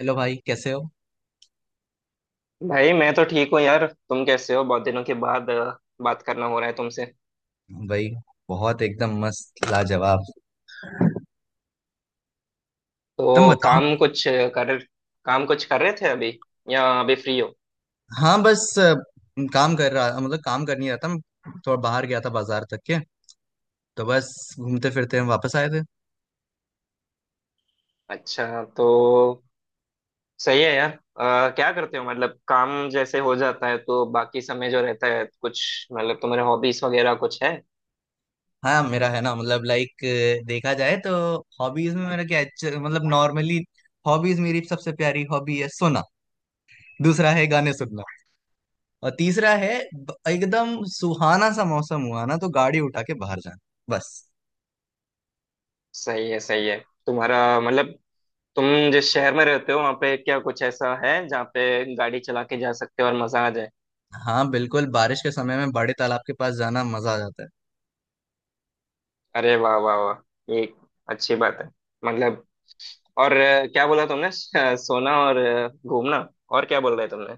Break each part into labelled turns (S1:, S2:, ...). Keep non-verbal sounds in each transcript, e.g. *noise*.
S1: Hello भाई, कैसे हो?
S2: भाई मैं तो ठीक हूँ यार। तुम कैसे हो? बहुत दिनों के बाद बात करना हो रहा है तुमसे।
S1: भाई, बहुत एकदम मस्त, लाजवाब। तुम
S2: तो
S1: बताओ।
S2: कर काम कुछ कर रहे थे अभी या अभी फ्री हो?
S1: हाँ, बस काम कर रहा, मतलब काम कर नहीं रहा था मैं। थोड़ा बाहर गया था बाजार तक के, तो बस घूमते फिरते हम वापस आए थे।
S2: अच्छा। तो सही है यार। क्या करते हो, मतलब काम जैसे हो जाता है तो बाकी समय जो रहता है कुछ, मतलब तुम्हारे हॉबीज वगैरह कुछ है?
S1: हाँ, मेरा है ना, मतलब लाइक देखा जाए तो हॉबीज में मेरा क्या है, मतलब नॉर्मली हॉबीज, मेरी सबसे प्यारी हॉबी है सोना। दूसरा है गाने सुनना। और तीसरा है एकदम सुहाना सा मौसम हुआ ना तो गाड़ी उठा के बाहर जाना, बस।
S2: सही है, सही है। तुम्हारा मतलब, तुम जिस शहर में रहते हो वहाँ पे क्या कुछ ऐसा है जहाँ पे गाड़ी चला के जा सकते हो और मजा आ जाए?
S1: हाँ बिल्कुल, बारिश के समय में बड़े तालाब के पास जाना मजा आ जाता है।
S2: अरे वाह वाह वाह! ये अच्छी बात है। मतलब, और क्या बोला तुमने *laughs* सोना और घूमना। और क्या बोल रहे तुमने?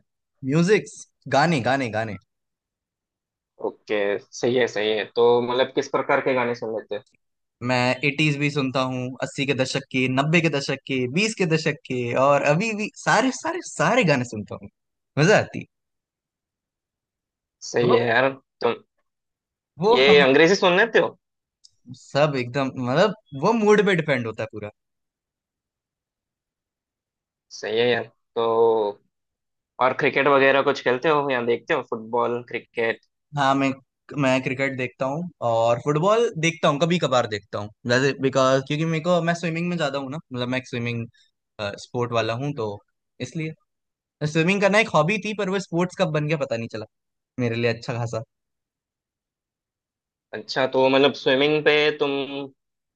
S1: म्यूजिक्स। गाने, गाने, गाने।
S2: ओके सही है, सही है। तो मतलब किस प्रकार के गाने सुन लेते हो?
S1: मैं एटीज भी सुनता हूँ। 80 के दशक के, 90 के दशक के, 20 के दशक के, और अभी भी सारे, सारे, सारे गाने सुनता हूँ। मजा आती है।
S2: सही
S1: वो
S2: है यार। तुम
S1: वो
S2: ये
S1: हम
S2: अंग्रेजी सुन लेते हो?
S1: सब एकदम, मतलब वो मूड पे डिपेंड होता है पूरा।
S2: सही है यार। तो और क्रिकेट वगैरह कुछ खेलते हो या देखते हो? Football, cricket?
S1: हाँ, मैं क्रिकेट देखता हूँ और फुटबॉल देखता हूँ, कभी कभार देखता हूँ, जैसे बिकॉज क्योंकि मेरे को मैं स्विमिंग में ज्यादा हूँ ना, मतलब मैं एक स्विमिंग स्पोर्ट वाला हूँ, तो इसलिए स्विमिंग करना एक हॉबी थी पर वो स्पोर्ट्स कब बन गया पता नहीं चला मेरे लिए, अच्छा खासा।
S2: अच्छा तो मतलब स्विमिंग पे तुम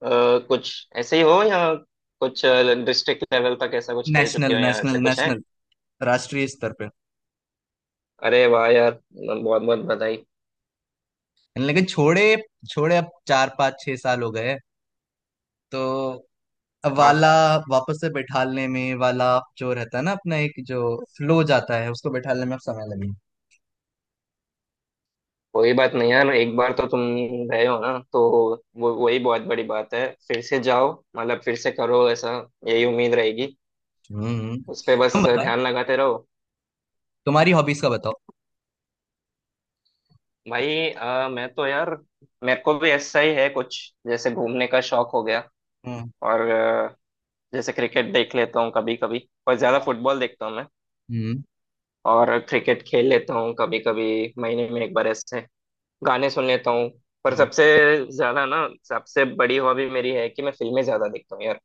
S2: कुछ ऐसे ही हो, या कुछ डिस्ट्रिक्ट लेवल तक ऐसा कुछ खेल
S1: नेशनल,
S2: चुके हो, या
S1: नेशनल,
S2: ऐसे कुछ है?
S1: नेशनल। राष्ट्रीय स्तर पे।
S2: अरे वाह यार! बहुत बहुत बधाई।
S1: लेकिन छोड़े, छोड़े अब 4, 5, 6 साल हो गए, तो अब वाला वापस से बैठालने में वाला जो रहता है ना, अपना एक जो फ्लो जाता है, उसको बैठालने में अब समय लगे।
S2: कोई बात नहीं यार, एक बार तो तुम गए हो ना, तो वो वही बहुत बड़ी बात है। फिर से जाओ, मतलब फिर से करो ऐसा, यही उम्मीद रहेगी।
S1: हम्म,
S2: उस पे
S1: तुम
S2: बस
S1: बताओ।
S2: ध्यान लगाते रहो।
S1: तुम्हारी हॉबीज का बताओ।
S2: भाई मैं तो यार मेरे को भी ऐसा ही है कुछ। जैसे घूमने का शौक हो गया,
S1: हम्म।
S2: और जैसे क्रिकेट देख लेता हूँ कभी कभी, और ज्यादा
S1: हाँ,
S2: फुटबॉल देखता हूँ मैं।
S1: हम्म,
S2: और क्रिकेट खेल लेता हूँ कभी कभी, महीने में एक बार ऐसे। गाने सुन लेता हूँ। पर
S1: हम्म।
S2: सबसे ज्यादा ना, सबसे बड़ी हॉबी मेरी है कि मैं फिल्में ज्यादा देखता हूँ यार।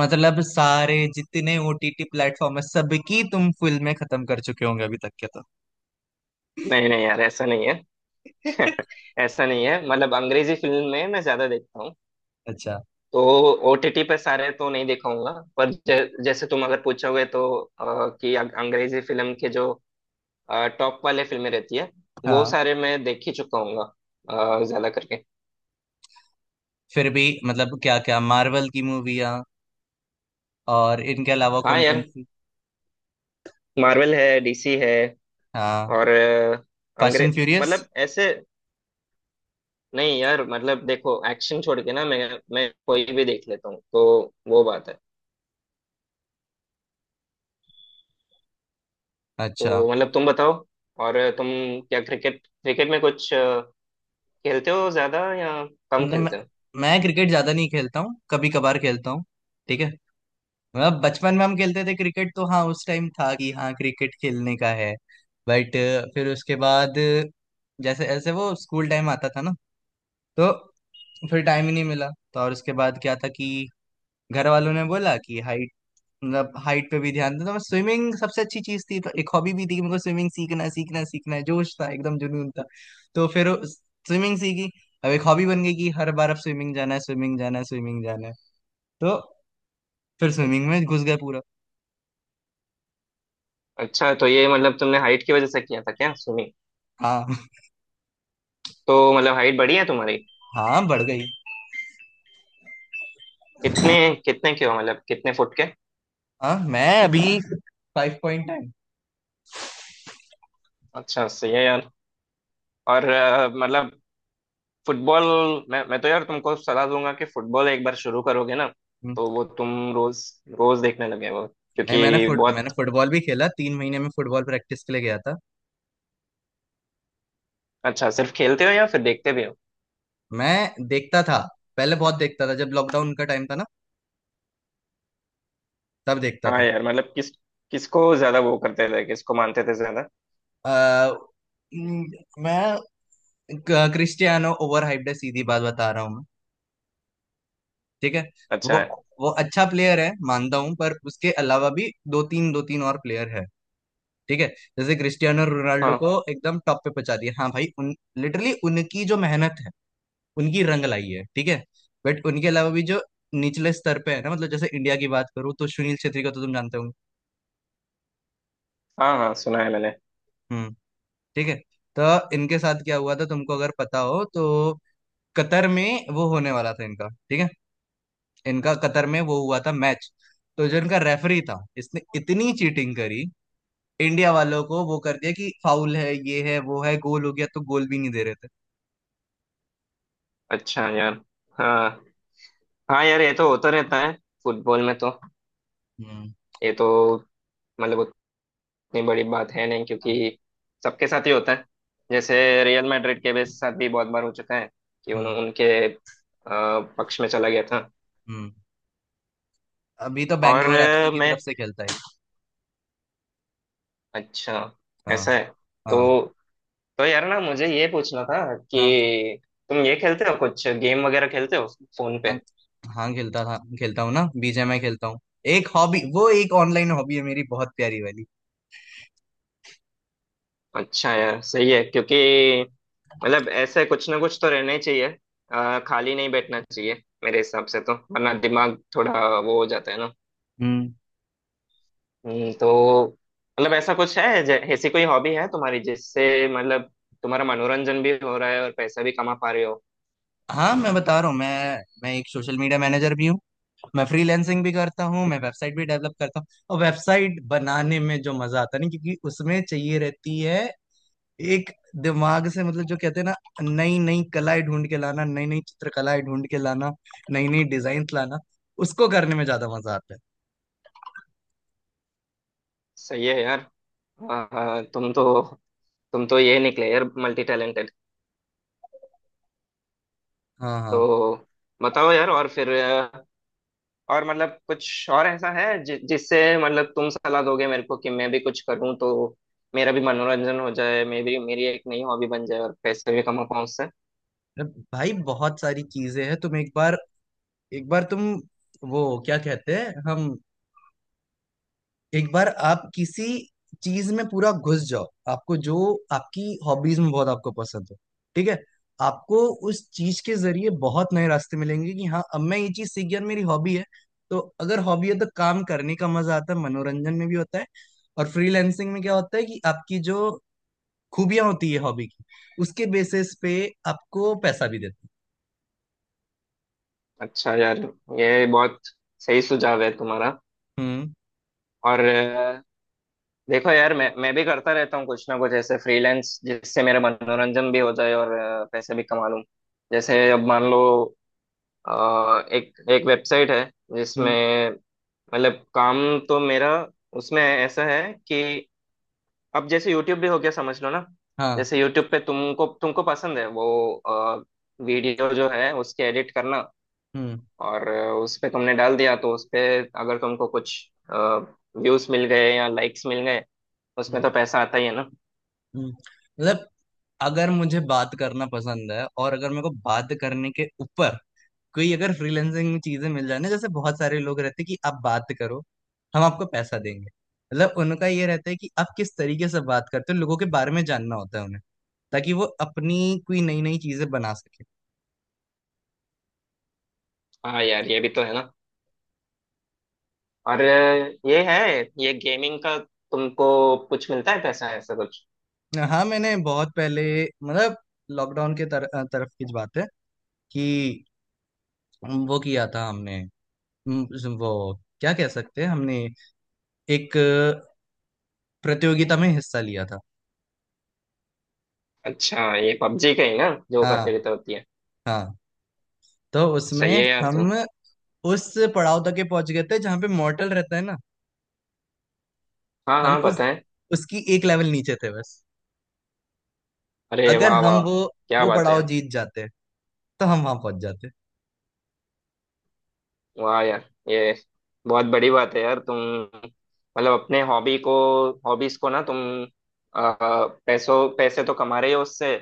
S1: मतलब सारे जितने ओटीटी प्लेटफॉर्म है, सबकी तुम फिल्में खत्म कर चुके होंगे अभी तक के, तो?
S2: नहीं नहीं यार, ऐसा नहीं है।
S1: *laughs*
S2: *laughs* ऐसा नहीं है। मतलब अंग्रेजी फिल्म में मैं ज्यादा देखता हूँ।
S1: अच्छा।
S2: तो ओटीटी पे सारे तो नहीं देखाऊंगा, पर जैसे तुम अगर पूछोगे तो अ, कि अंग्रेजी फिल्म के जो टॉप वाले फिल्में रहती है, वो
S1: हाँ।
S2: सारे मैं देख ही चुका हूंगा ज्यादा करके।
S1: फिर भी मतलब क्या क्या मार्वल की मूवियाँ, और इनके अलावा हाँ
S2: हाँ
S1: कौन कौन
S2: यार,
S1: सी?
S2: मार्वल है, डीसी है।
S1: हाँ,
S2: और
S1: फास्ट एंड
S2: अंग्रेज
S1: फ्यूरियस।
S2: मतलब ऐसे, नहीं यार मतलब देखो एक्शन छोड़ के ना मैं कोई भी देख लेता हूँ, तो वो बात है।
S1: अच्छा।
S2: तो मतलब तुम बताओ। और तुम क्या, क्रिकेट क्रिकेट में कुछ खेलते हो ज्यादा या कम
S1: न- मैं,
S2: खेलते हो?
S1: मैं क्रिकेट ज्यादा नहीं खेलता हूँ, कभी कभार खेलता हूँ। ठीक है। मतलब बचपन में हम खेलते थे क्रिकेट तो हाँ उस टाइम था कि हाँ क्रिकेट खेलने का है। बट फिर उसके बाद, जैसे ऐसे वो स्कूल टाइम आता था ना, तो फिर टाइम ही नहीं मिला। तो और उसके बाद क्या था कि घर वालों ने बोला कि हाइट, मतलब हाइट पे भी ध्यान देता मैं। स्विमिंग सबसे अच्छी चीज थी तो एक हॉबी भी थी कि मेरे को स्विमिंग सीखना है, सीखना है, सीखना है। जोश था, एकदम जुनून था। तो फिर स्विमिंग सीखी। अब एक हॉबी बन गई कि हर बार अब स्विमिंग जाना है, स्विमिंग जाना है, स्विमिंग जाना है। तो फिर स्विमिंग में घुस गए पूरा।
S2: अच्छा, तो ये मतलब तुमने हाइट की वजह से किया था क्या स्विमिंग?
S1: हाँ।
S2: तो मतलब हाइट बढ़ी है तुम्हारी?
S1: हाँ, बढ़ गई।
S2: कितने कितने के हो, मतलब कितने फुट के?
S1: हाँ, मैं अभी फाइव पॉइंट टाइम।
S2: अच्छा, सही है यार। और मतलब फुटबॉल, मैं तो यार तुमको सलाह दूंगा कि फुटबॉल एक बार शुरू करोगे ना, तो वो तुम रोज रोज देखने लगे, वो
S1: नहीं,
S2: क्योंकि बहुत।
S1: मैंने फुटबॉल भी खेला, 3 महीने में फुटबॉल प्रैक्टिस के लिए गया था।
S2: अच्छा, सिर्फ खेलते हो या फिर देखते भी हो?
S1: मैं देखता था। पहले बहुत देखता था जब लॉकडाउन का टाइम था ना, तब देखता
S2: हाँ
S1: था।
S2: यार, मतलब किसको ज्यादा वो करते थे, किसको मानते थे ज्यादा?
S1: अ, मैं, क्रिस्टियानो ओवर हाइप्ड है, सीधी बात बता रहा हूँ मैं। ठीक है। वो
S2: अच्छा है।
S1: वो अच्छा प्लेयर है मानता हूँ, पर उसके अलावा भी दो तीन, दो तीन और प्लेयर है। ठीक है। जैसे क्रिस्टियानो रोनाल्डो
S2: हाँ,
S1: को एकदम टॉप पे पहुंचा दिया, हाँ भाई, उन लिटरली उनकी जो मेहनत है उनकी रंग लाई है। ठीक है। बट उनके अलावा भी जो निचले स्तर पे है ना, मतलब जैसे इंडिया की बात करूँ तो सुनील छेत्री का तो तुम जानते होंगे।
S2: हाँ हाँ, सुना है मैंने।
S1: हम्म। ठीक है। तो इनके साथ क्या हुआ था तुमको, अगर पता हो तो, कतर में वो होने वाला था इनका, ठीक है? इनका कतर में वो हुआ था मैच। तो जो इनका रेफरी था इसने इतनी चीटिंग करी, इंडिया वालों को वो कर दिया कि फाउल है, ये है, वो है, गोल हो गया तो गोल भी नहीं दे रहे थे।
S2: अच्छा यार। हाँ। हाँ यार, ये तो होता रहता है फुटबॉल में तो।
S1: हम्म।
S2: ये तो मतलब उतनी बड़ी बात है नहीं
S1: हाँ,
S2: क्योंकि सबके साथ ही होता है। जैसे रियल मैड्रिड के भी साथ भी बहुत बार हो चुका है कि
S1: हम्म,
S2: उनके पक्ष में चला गया था।
S1: हम्म। अभी तो
S2: और
S1: बैंगलोर एफसी की
S2: मैं,
S1: तरफ से खेलता है।
S2: अच्छा,
S1: हाँ।
S2: ऐसा है।
S1: हाँ।
S2: तो यार ना, मुझे ये पूछना था
S1: हाँ।
S2: कि तुम ये खेलते हो, कुछ गेम वगैरह खेलते हो फोन
S1: हाँ,
S2: पे?
S1: हाँ खेलता था, खेलता हूँ ना, बीजे में खेलता हूँ। एक हॉबी, वो एक ऑनलाइन हॉबी है मेरी, बहुत प्यारी वाली।
S2: अच्छा यार, सही है क्योंकि मतलब ऐसे कुछ ना कुछ तो रहना ही चाहिए। खाली नहीं बैठना चाहिए मेरे हिसाब से तो, वरना दिमाग थोड़ा वो हो जाता है ना।
S1: हम्म।
S2: हम्म। तो मतलब ऐसा कुछ है, ऐसी कोई हॉबी है तुम्हारी, जिससे मतलब तुम्हारा मनोरंजन भी हो रहा है और पैसा भी कमा पा रहे हो?
S1: हाँ, मैं बता रहा हूँ, मैं एक सोशल मीडिया मैनेजर भी हूँ। मैं फ्रीलैंसिंग भी करता हूँ, मैं वेबसाइट भी डेवलप करता हूँ, और वेबसाइट बनाने में जो मजा आता है ना, क्योंकि उसमें चाहिए रहती है एक दिमाग से। मतलब जो कहते हैं ना, नई नई कलाएं ढूंढ के लाना, नई नई चित्रकलाएं ढूंढ के लाना, नई नई डिजाइन लाना, उसको करने में ज्यादा मजा आता है।
S2: सही है यार। अ, तुम तो तुम तो ये निकले यार, मल्टी टैलेंटेड।
S1: हाँ। हाँ।
S2: तो बताओ यार। और फिर और मतलब कुछ और ऐसा है जि जिससे मतलब तुम सलाह दोगे मेरे को कि मैं भी कुछ करूं, तो मेरा भी मनोरंजन हो जाए, मैं भी, मेरी एक नई हॉबी बन जाए और पैसे भी कमा पाऊं उससे?
S1: अब भाई बहुत सारी चीजें हैं, तुम एक बार, एक बार तुम, वो क्या कहते हैं हम, एक बार आप किसी चीज में पूरा घुस जाओ, आपको जो आपकी हॉबीज में बहुत आपको पसंद हो। ठीक है? आपको उस चीज के जरिए बहुत नए रास्ते मिलेंगे कि हाँ अब मैं ये चीज सीख गया, मेरी हॉबी है। तो अगर हॉबी है तो काम करने का मजा आता है, मनोरंजन में भी होता है। और फ्रीलैंसिंग में क्या होता है कि आपकी जो खूबियां होती है हॉबी की, उसके बेसिस पे आपको पैसा भी देते हैं।
S2: अच्छा यार, ये बहुत सही सुझाव है तुम्हारा।
S1: हम्म।
S2: और देखो यार, मैं भी करता रहता हूँ कुछ ना कुछ ऐसे फ्रीलांस, जिससे मेरा मनोरंजन भी हो जाए और पैसे भी कमा लूं। जैसे अब मान लो, एक एक वेबसाइट है
S1: हम्म।
S2: जिसमें मतलब काम, तो मेरा उसमें ऐसा है कि अब जैसे यूट्यूब भी हो गया, समझ लो ना।
S1: हाँ।
S2: जैसे यूट्यूब पे तुमको तुमको पसंद है वो, वीडियो जो है उसके एडिट करना,
S1: हम्म,
S2: और उस पे तुमने डाल दिया तो उस पे अगर तुमको कुछ व्यूज मिल गए या लाइक्स मिल गए, उसमें तो
S1: हम्म,
S2: पैसा आता ही है ना।
S1: हम्म। मतलब अगर मुझे बात करना पसंद है, और अगर मेरे को बात करने के ऊपर कोई, अगर फ्रीलांसिंग में चीजें मिल जाए ना, जैसे बहुत सारे लोग रहते हैं कि आप बात करो, हम आपको पैसा देंगे, मतलब उनका ये रहता है कि आप किस तरीके से बात करते हो, लोगों के बारे में जानना होता है उन्हें, ताकि वो अपनी कोई नई नई चीजें बना सके।
S2: हाँ यार, ये भी तो है ना। और ये है, ये गेमिंग का तुमको कुछ मिलता है पैसा, ऐसा कुछ?
S1: हाँ, मैंने बहुत पहले, मतलब लॉकडाउन के तरफ की बात है, कि वो किया था हमने। वो क्या कह सकते हैं, हमने एक प्रतियोगिता में हिस्सा लिया था।
S2: अच्छा, ये पबजी का ही ना, जो
S1: हाँ।
S2: प्रतियोगिता होती है?
S1: हाँ, तो
S2: सही
S1: उसमें
S2: है यार
S1: हम
S2: तुम।
S1: उस पड़ाव तक के पहुंच गए थे जहां पे मॉर्टल रहता है ना।
S2: हाँ
S1: हम
S2: हाँ,
S1: उस
S2: पता है।
S1: उसकी एक लेवल नीचे थे, बस।
S2: अरे
S1: अगर
S2: वाह
S1: हम
S2: वाह!
S1: वो
S2: क्या
S1: वो
S2: बात है
S1: पड़ाव
S2: यार!
S1: जीत जाते तो हम वहां पहुंच जाते।
S2: वाह यार, ये बहुत बड़ी बात है यार तुम, मतलब अपने हॉबी को, हॉबीज को ना तुम आ, पैसों पैसे तो कमा रहे हो उससे,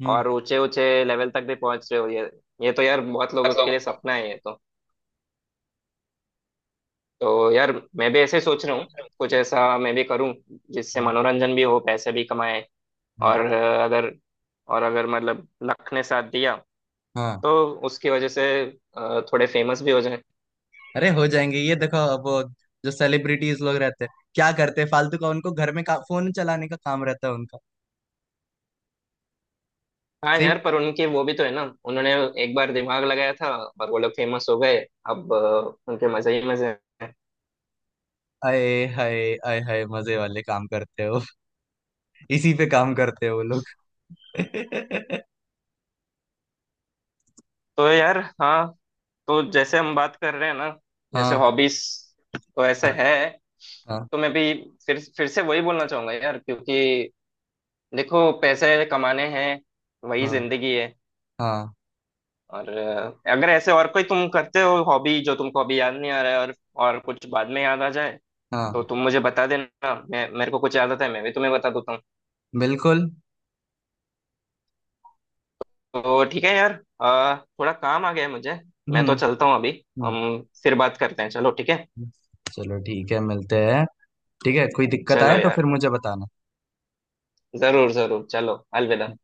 S1: हम्म।
S2: और ऊंचे ऊंचे लेवल तक भी पहुंच रहे हो। ये तो यार बहुत लोगों के
S1: मतलब,
S2: लिए सपना है ये तो। तो यार मैं भी ऐसे ही सोच रहा हूँ, कुछ ऐसा मैं भी करूँ जिससे
S1: हम्म,
S2: मनोरंजन भी हो, पैसे भी कमाए। और
S1: हम्म,
S2: अगर मतलब लक ने साथ दिया,
S1: हाँ।
S2: तो उसकी वजह से थोड़े फेमस भी हो।
S1: अरे हो जाएंगे। ये देखो, अब वो जो सेलिब्रिटीज लोग रहते हैं क्या करते हैं, फालतू का उनको घर में फोन चलाने का काम रहता है उनका।
S2: हाँ
S1: सही।
S2: यार, पर उनकी वो भी तो है ना, उन्होंने एक बार दिमाग लगाया था और वो लोग फेमस हो गए। अब उनके मजे ही मजे हैं।
S1: आए हाय, आए हाय, मजे वाले काम करते हो। *laughs* इसी पे काम करते हो वो लोग। *laughs*
S2: तो यार हाँ, तो जैसे हम बात कर रहे हैं ना, जैसे
S1: हाँ।
S2: हॉबीज, तो ऐसे
S1: हाँ।
S2: है।
S1: हाँ।
S2: तो मैं भी फिर से वही बोलना चाहूंगा यार, क्योंकि देखो पैसे कमाने हैं, वही
S1: हाँ,
S2: जिंदगी है।
S1: हाँ,
S2: और अगर ऐसे और कोई तुम करते हो हॉबी जो तुमको अभी याद नहीं आ रहा है, और कुछ बाद में याद आ जाए,
S1: हाँ,
S2: तो तुम मुझे बता देना। मैं, मेरे को कुछ याद आता है मैं भी तुम्हें बता देता हूँ।
S1: बिल्कुल।
S2: तो ठीक है यार, थोड़ा काम आ गया है मुझे। मैं
S1: हम्म।
S2: तो चलता हूँ अभी।
S1: हम्म,
S2: हम फिर बात करते हैं, चलो ठीक है।
S1: हम्म। चलो ठीक है, मिलते हैं। ठीक है, कोई दिक्कत आए
S2: चलो
S1: तो फिर
S2: यार,
S1: मुझे बताना।
S2: जरूर जरूर, चलो। अलविदा।